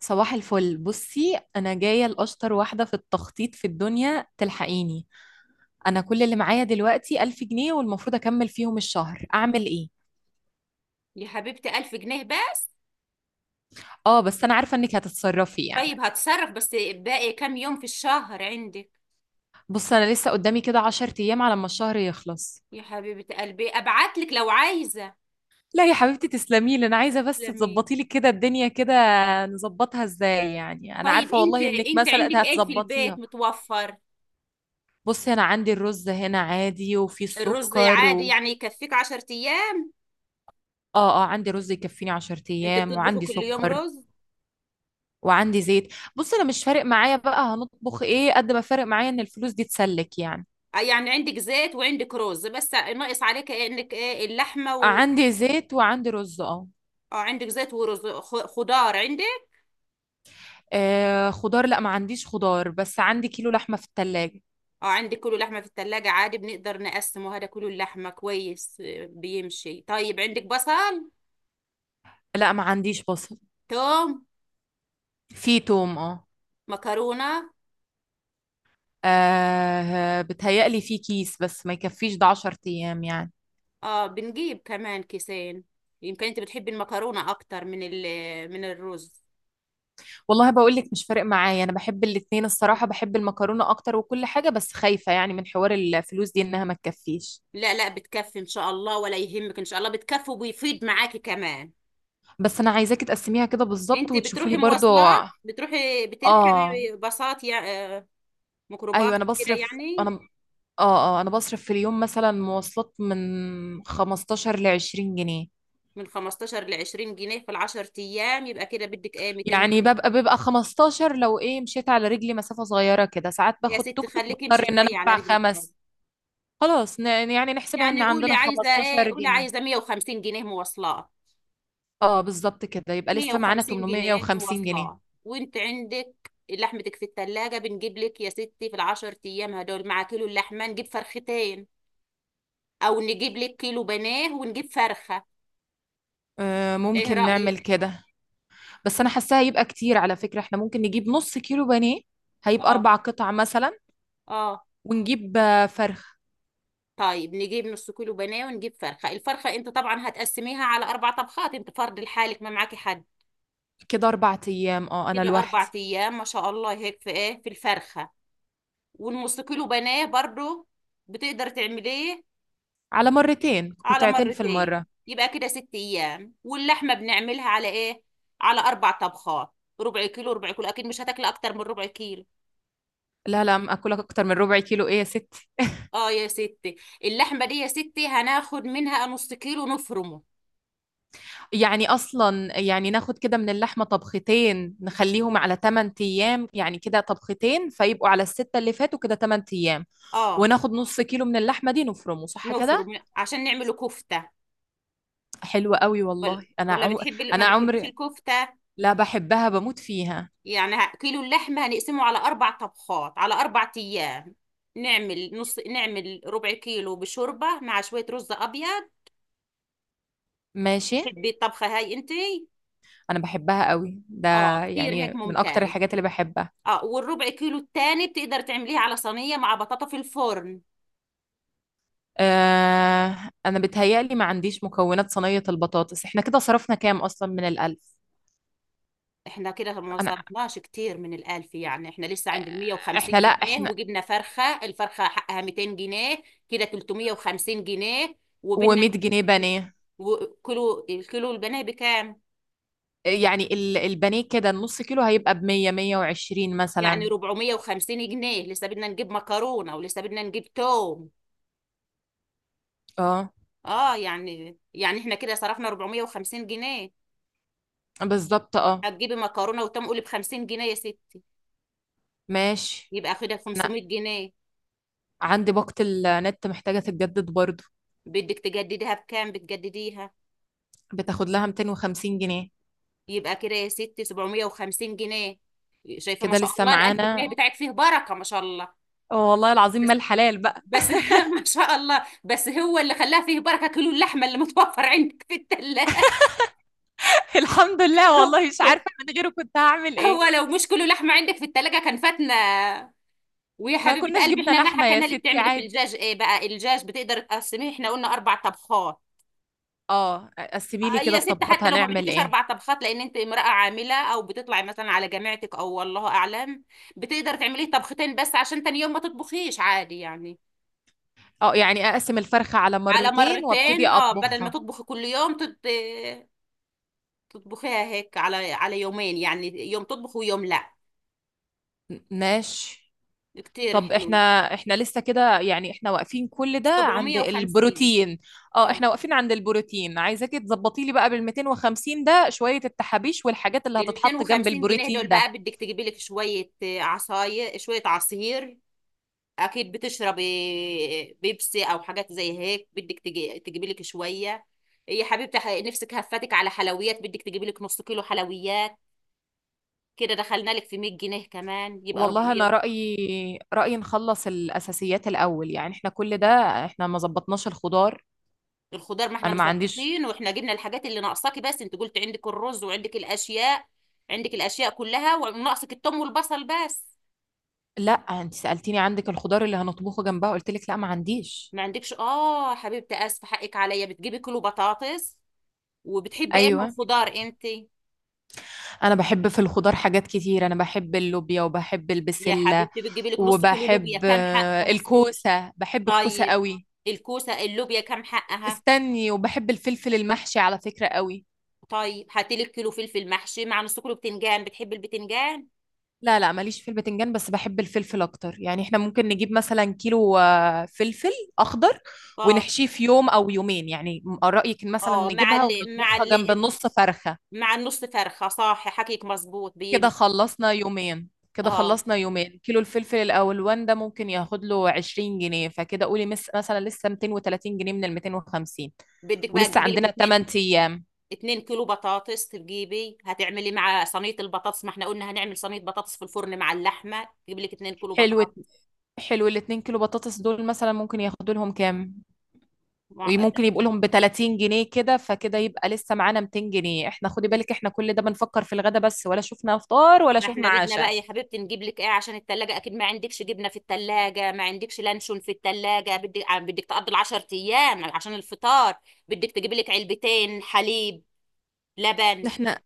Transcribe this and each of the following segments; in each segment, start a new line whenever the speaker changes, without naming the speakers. صباح الفل. بصي، انا جايه لاشطر واحده في التخطيط في الدنيا، تلحقيني؟ انا كل اللي معايا دلوقتي 1000 جنيه والمفروض اكمل فيهم الشهر، اعمل ايه؟
يا حبيبتي، ألف جنيه بس؟
اه، بس انا عارفه انك هتتصرفي يعني.
طيب هتصرف، بس باقي كام يوم في الشهر عندك؟
بص، انا لسه قدامي كده 10 ايام على ما الشهر يخلص.
يا حبيبة قلبي، أبعت لك لو عايزة.
لا يا حبيبتي، تسلمي لي، انا عايزه بس
تسلمي.
تظبطي لي كده الدنيا كده. نظبطها ازاي يعني؟ انا
طيب
عارفه
أنت
والله انك
عندك
مثلا
إيه في البيت
هتظبطيها.
متوفر؟
بصي، انا عندي الرز هنا عادي، وفي
الرز
السكر
عادي،
و...
يعني يكفيك عشر أيام؟
اه، عندي رز يكفيني 10
أنت
ايام
بتطبخي
وعندي
كل يوم
سكر.
رز؟
وعندي زيت. بص، انا مش فارق معايا بقى هنطبخ ايه، قد ما فارق معايا ان الفلوس دي تسلك يعني.
يعني عندك زيت وعندك رز، بس ناقص عليك إيه؟ إنك إيه، اللحمة
آه،
و...
عندي زيت وعندي رز، اه.
اه، عندك زيت ورز، خضار عندك؟
آه، خضار، لا ما عنديش خضار، بس عندي كيلو لحمة في التلاجة.
اه، عندك كله لحمة في التلاجة، عادي بنقدر نقسمه، هذا كله اللحمة كويس. بيمشي. طيب عندك بصل؟
لا، ما عنديش بصل.
توم؟
في توم، اه.
مكرونة؟
آه، بتهيألي في كيس بس ما يكفيش ده 10 ايام يعني.
اه، بنجيب كمان كيسين. يمكن انت بتحبي المكرونة اكتر من من الرز.
والله بقول لك مش فارق معايا، انا بحب الاتنين الصراحة، بحب المكرونة اكتر وكل حاجة، بس خايفة يعني من حوار الفلوس دي انها ما تكفيش.
لا لا، بتكفي ان شاء الله، ولا يهمك، ان شاء الله بتكفي وبيفيد معاكي كمان.
بس انا عايزاكي تقسميها كده بالظبط
انت
وتشوفولي
بتروحي
برضو.
مواصلات؟ بتروحي
اه.
بتركبي باصات يا آه، ميكروباص
ايوه، انا
كده
بصرف.
يعني؟
اه، انا بصرف في اليوم مثلا مواصلات من 15 ل 20 جنيه.
من 15 ل 20 جنيه في العشر ايام، يبقى كده بدك ايه، 200
يعني
جنيه
ببقى 15 لو ايه مشيت على رجلي مسافة صغيرة كده، ساعات
يا
باخد
ستي
توك توك
خليكي امشي
بضطر انا
شويه على
ادفع
رجلك برضه.
خمس. خلاص، يعني نحسبها ان
يعني قولي
عندنا
عايزه ايه،
15
قولي عايزه
جنيه
150 جنيه مواصلات.
اه بالظبط كده، يبقى لسه معانا
150 جنيه
850 جنيه.
مواصلات، وانت عندك لحمتك في التلاجة، بنجيب لك يا ستي في العشر ايام هدول مع كيلو اللحمة نجيب فرختين، او نجيب لك كيلو بناه ونجيب فرخة.
آه،
ايه
ممكن نعمل
رأيك؟
كده. بس انا حاساها هيبقى كتير على فكرة، احنا ممكن نجيب نص كيلو بانيه، هيبقى
اه
اربع قطع مثلا.
اه.
ونجيب آه، فرخ.
طيب نجيب نص كيلو بناه ونجيب فرخة. الفرخة انت طبعا هتقسميها على اربع طبخات، انت فرد لحالك، ما معاكي حد.
كده أربع أيام، أه أنا
كده اربع
لوحدي.
ايام، ما شاء الله، هيك في ايه في الفرخة. والنص كيلو بناه برضو بتقدر تعمليه
على مرتين،
على
قطعتين في
مرتين.
المرة.
يبقى كده ست ايام، واللحمه بنعملها على ايه؟ على اربع طبخات. ربع كيلو، ربع كيلو، اكيد مش هتاكل اكتر من ربع كيلو.
لا لا، أم اكلك اكتر من ربع كيلو ايه يا ستي.
اه يا ستي، اللحمه دي يا ستي هناخد منها نص كيلو نفرمه.
يعني اصلا يعني ناخد كده من اللحمة طبختين، نخليهم على 8 ايام، يعني كده طبختين فيبقوا على الستة اللي فاتوا كده 8 ايام.
اه،
وناخد نص كيلو من اللحمة دي نفرمه، صح كده؟
نفرم عشان نعمله كفته.
حلوة قوي
ولا
والله، انا
ولا
عم...
بتحبي، ما
انا
بتحبيش
عمري...
الكفته؟
لا، بحبها بموت فيها.
يعني كيلو اللحمه هنقسمه على اربع طبخات على اربع ايام. نعمل نص، نعمل ربع كيلو بشوربه مع شويه رز ابيض.
ماشي.
تحبي الطبخه هاي انتي؟
انا بحبها قوي ده،
اه، كتير هيك
يعني من اكتر
ممتاز.
الحاجات اللي بحبها.
اه، والربع كيلو التاني بتقدر تعمليها على صينية مع بطاطا في الفرن.
آه، انا بتهيألي ما عنديش مكونات صينية البطاطس. احنا كده صرفنا كام اصلا من الالف؟
احنا كده ما
انا،
صرفناش كتير من الألف، يعني احنا لسه عند
احنا،
150
لا،
جنيه
احنا
وجبنا فرخة، الفرخة حقها 200 جنيه، كده 350 جنيه. وبدنا،
و100 جنيه بانيه.
وكيلو، الكيلو البانيه بكام؟
يعني البانيه كده النص كيلو هيبقى ب 100 120
يعني
مثلا.
450 جنيه، لسه بدنا نجيب مكرونة ولسه بدنا نجيب توم.
اه
اه، يعني احنا كده صرفنا 450 جنيه.
بالظبط، اه.
هتجيبي مكرونة وتوم قولي ب 50 جنيه يا ستي.
ماشي.
يبقى كده
انا
500 جنيه.
عندي باقة النت محتاجة تتجدد برضو،
بدك تجدديها بكام بتجدديها؟
بتاخد لها 250 جنيه.
يبقى كده يا ستي 750 جنيه. شايفه، ما
كده
شاء
لسه
الله، الألف
معانا.
جنيه بتاعك فيه بركه، ما شاء الله.
آه، والله العظيم، ما
بس
الحلال بقى.
بس ما شاء الله، بس هو اللي خلاها فيه بركه كيلو اللحمه اللي متوفر عندك في الثلاجه.
الحمد لله،
هو
والله مش عارفة
هو-
من غيره كنت هعمل
هو
ايه.
لو مش كيلو لحمه عندك في الثلاجه كان فاتنا. ويا
ما
حبيبه
كناش
قلبي،
جبنا
احنا ما
لحمة يا
حكينا لك
ستي،
تعملي في
عادي.
الدجاج ايه بقى. الدجاج بتقدر تقسميه، احنا قلنا اربع طبخات.
اه، قسمي لي كده
يا ست،
الطبخات
حتى لو ما
هنعمل
بدكيش
ايه.
اربع طبخات، لان انت امرأة عاملة او بتطلعي مثلا على جامعتك او والله اعلم، بتقدر تعملي طبختين بس عشان تاني يوم ما تطبخيش، عادي يعني.
اه، يعني اقسم الفرخة على
على
مرتين وابتدي
مرتين، اه، بدل ما
اطبخها.
تطبخي كل يوم تطبخيها هيك على يومين، يعني يوم تطبخ ويوم لا.
ماشي.
كتير
طب احنا
حلو.
احنا لسه كده، يعني احنا واقفين كل ده عند
750.
البروتين. اه
اه،
احنا واقفين عند البروتين، عايزاكي تظبطي لي بقى بال 250 ده شوية التحابيش والحاجات اللي
ال
هتتحط جنب
250 جنيه دول
البروتين ده.
بقى بدك تجيبي لك شوية عصاير، شوية عصير، اكيد بتشربي بيبسي او حاجات زي هيك، بدك تجيبي لك شويه إيه يا حبيبتي، نفسك هفتك على حلويات، بدك تجيبي لك نص كيلو حلويات. كده دخلنا لك في 100 جنيه كمان، يبقى
والله
400.
انا رأيي نخلص الاساسيات الاول، يعني احنا كل ده احنا ما ظبطناش الخضار.
الخضار ما احنا
انا ما عنديش.
مظبطين، واحنا جبنا الحاجات اللي ناقصاكي، بس انت قلت عندك الرز وعندك الاشياء، عندك الاشياء كلها، وناقصك التوم والبصل بس.
لا، انت سألتيني عندك الخضار اللي هنطبخه جنبها، قلت لك لا ما عنديش.
ما عندكش؟ اه حبيبتي، اسفه، حقك عليا. بتجيبي كيلو بطاطس، وبتحبي ايه من
ايوه،
الخضار انت؟
انا بحب في الخضار حاجات كتير، انا بحب اللوبيا وبحب
يا
البسلة
حبيبتي، بتجيبي لك نص كيلو لوبيا،
وبحب
كام حق
آه،
ونص؟
الكوسة، بحب الكوسة
طيب
قوي.
الكوسة اللوبيا كام حقها؟
استني، وبحب الفلفل المحشي على فكرة قوي.
طيب هاتلي الكيلو فلفل محشي مع نص كيلو بتنجان. بتحب البتنجان؟
لا لا، ماليش في البتنجان بس بحب الفلفل اكتر، يعني احنا ممكن نجيب مثلا كيلو آه، فلفل اخضر،
اه
ونحشيه في يوم او يومين. يعني رأيك إن مثلا
اه.
نجيبها ونطبخها جنب النص فرخة،
مع النص فرخة، صح حكيك مظبوط،
كده
بيمشي.
خلصنا يومين. كده
اه،
خلصنا يومين. كيلو الفلفل الألوان ده ممكن ياخد له 20 جنيه، فكده قولي مس مثلا لسه 230 جنيه من ال 250،
بدك بقى
ولسه
تجيبي لك
عندنا
اتنين،
8 أيام.
اتنين كيلو بطاطس تجيبي، هتعملي مع صينية البطاطس، ما احنا قلنا هنعمل صينية بطاطس في الفرن مع اللحمة، تجيبي لك اتنين كيلو
حلو.
بطاطس.
حلو، ال 2 كيلو بطاطس دول مثلا ممكن ياخدوا لهم كام؟
مع...
ممكن يبقوا لهم ب 30 جنيه كده، فكده يبقى لسه معانا 200 جنيه. احنا خدي بالك احنا كل ده بنفكر في الغدا بس، ولا شفنا فطار ولا
ما
شفنا
احنا بدنا
عشاء.
بقى يا حبيبتي نجيب لك ايه عشان التلاجة، اكيد ما عندكش جبنة في التلاجة، ما عندكش لانشون في التلاجة، بدك تقضي العشر ايام عشان الفطار. بدك تجيب لك علبتين حليب، لبن.
احنا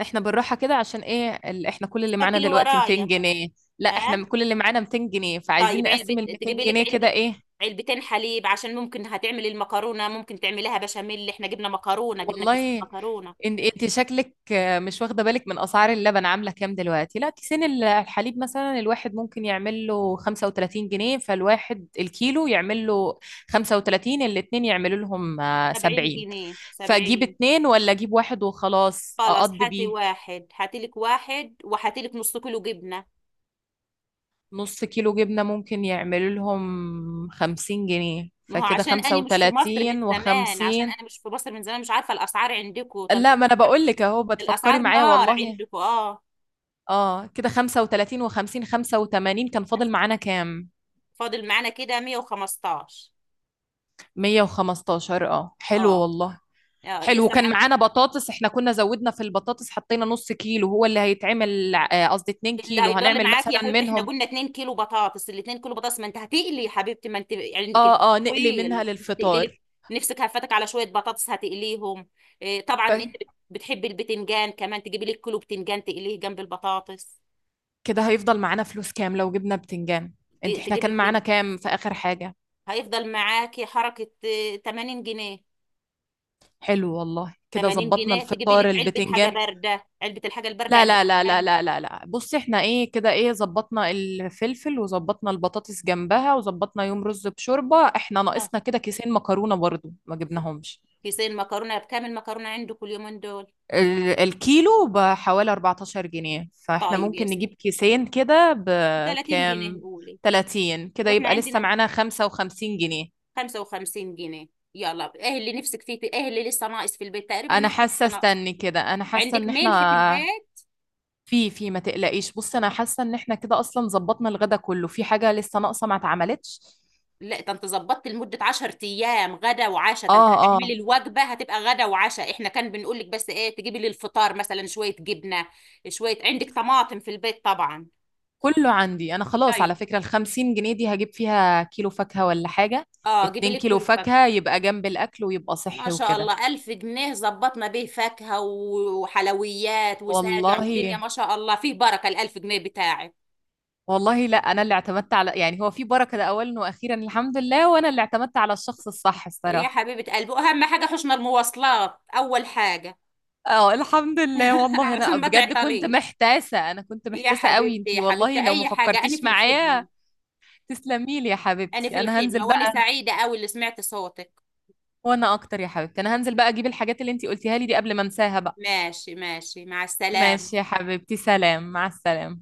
احنا بالراحة كده عشان ايه، احنا كل اللي معانا
سجلي
دلوقتي 200
ورايا.
جنيه لا احنا
اه،
كل اللي معانا 200 جنيه، فعايزين
طيب علبة،
نقسم ال 200
تجيبي لك
جنيه
علبة،
كده ايه.
علبتين حليب عشان ممكن هتعملي المكرونة، ممكن تعمليها بشاميل، احنا جبنا مكرونة، جبنا كيسين
والله
مكرونة.
ان انت شكلك آه، مش واخدة بالك من اسعار اللبن، عاملة كام دلوقتي. لا كيسين الحليب مثلا، الواحد ممكن يعمل له 35 جنيه، فالواحد الكيلو يعمل له 35، الاتنين يعملوا لهم آه،
70
70.
جنيه
فاجيب
70.
اتنين ولا اجيب واحد وخلاص
خلاص
اقضي
هاتي
بيه.
واحد، هاتي لك واحد، وهاتي لك نص كيلو جبنة.
نص كيلو جبنة ممكن يعمل لهم خمسين جنيه،
ما هو
فكده
عشان
خمسة
أنا مش في مصر من
وتلاتين
زمان، عشان
وخمسين.
أنا مش في مصر من زمان مش عارفة الأسعار عندكم طنط.
لا، ما أنا
الأسعار،
بقول لك أهو بتفكري معايا
نار
والله.
عندكم، اه.
اه كده خمسة وتلاتين وخمسين، خمسة وتمانين، كان فاضل معانا كام؟
فاضل معانا كده 115.
مية وخمستاشر. اه حلو
اه
والله.
اه،
حلو،
لسه
كان
معاك.
معانا بطاطس، احنا كنا زودنا في البطاطس، حطينا نص كيلو هو اللي هيتعمل آه، قصدي اتنين
اللي
كيلو،
هيضل
هنعمل
معاك يا
مثلا
حبيبتي، احنا
منهم.
قلنا 2 كيلو بطاطس، ال 2 كيلو بطاطس ما انت هتقلي يا حبيبتي، ما انت عندك
اه نقلي منها
طويل، تقلي لك،
للفطار.
نفسك هفتك على شويه بطاطس هتقليهم. طبعا
ف...
انت بتحبي البتنجان كمان، تجيبي لك كيلو بتنجان تقليه جنب البطاطس.
كده هيفضل معانا فلوس كام لو جبنا بتنجان؟ انت احنا كان معانا
تجيبي
كام في اخر حاجة؟
هيفضل معاكي حركة. 80 جنيه.
حلو والله، كده
80
ظبطنا
جنيه تجيبي لك
الفطار
علبة حاجة
البتنجان.
باردة، علبة الحاجة الباردة
لا
عندك
لا لا لا
بكام؟
لا لا لا، بصي احنا ايه كده، ايه ظبطنا الفلفل وظبطنا البطاطس جنبها وظبطنا يوم رز بشوربة، احنا
آه،
ناقصنا كده كيسين مكرونة برضو ما جبناهمش.
كيسين مكرونة بكام المكرونة عندك اليومين دول؟
الكيلو بحوالي 14 جنيه، فاحنا
طيب يا
ممكن
ستي
نجيب كيسين كده
30 جنيه
بكام،
قولي.
30؟ كده
واحنا
يبقى لسه
عندنا
معانا 55 جنيه.
55 جنيه. يلا، ايه اللي نفسك فيه، ايه اللي لسه ناقص في البيت، تقريبا
انا
ما في
حاسه،
حاجة ناقصة.
استني كده، انا حاسه
عندك
ان
ملح في
احنا
البيت؟
في ما تقلقيش. بص انا حاسه ان احنا كده اصلا ظبطنا الغدا كله، في حاجه لسه ناقصه ما اتعملتش.
لا، ده انت ظبطت لمدة 10 ايام غدا وعشاء، ده انت
اه
هتعملي الوجبة هتبقى غدا وعشاء، احنا كان بنقول لك بس ايه تجيبي لي الفطار، مثلا شوية جبنة، شوية، عندك طماطم في البيت طبعا.
كله عندي انا، خلاص على
طيب،
فكره الخمسين جنيه دي هجيب فيها كيلو فاكهه ولا حاجه،
اه، جيبي
اتنين
لك
كيلو
كله فاكهة.
فاكهه، يبقى جنب الاكل ويبقى
ما
صحي
شاء
وكده.
الله، ألف جنيه ظبطنا بيه فاكهة وحلويات وساجع ودنيا،
والله،
ما شاء الله فيه بركة الألف جنيه بتاعك.
والله لا، انا اللي اعتمدت على يعني هو في بركه ده اولا واخيرا الحمد لله، وانا اللي اعتمدت على الشخص الصح
يا
الصراحه.
حبيبة قلبي، أهم حاجة حشنا المواصلات أول حاجة.
اه الحمد لله والله، انا
عشان ما
بجد كنت
تعطليش.
محتاسه،
يا
قوي
حبيبتي،
انتي والله لو ما
أي حاجة أنا
فكرتيش
في
معايا.
الخدمة.
تسلمي لي يا
أنا في
حبيبتي، انا هنزل
الخدمة، وأنا
بقى.
سعيدة أوي اللي سمعت صوتك.
وانا اكتر يا حبيبتي، انا هنزل بقى اجيب الحاجات اللي انتي قلتيها لي دي قبل ما انساها بقى.
ماشي ماشي، مع
ماشي
السلامة.
يا حبيبتي، سلام، مع السلامه.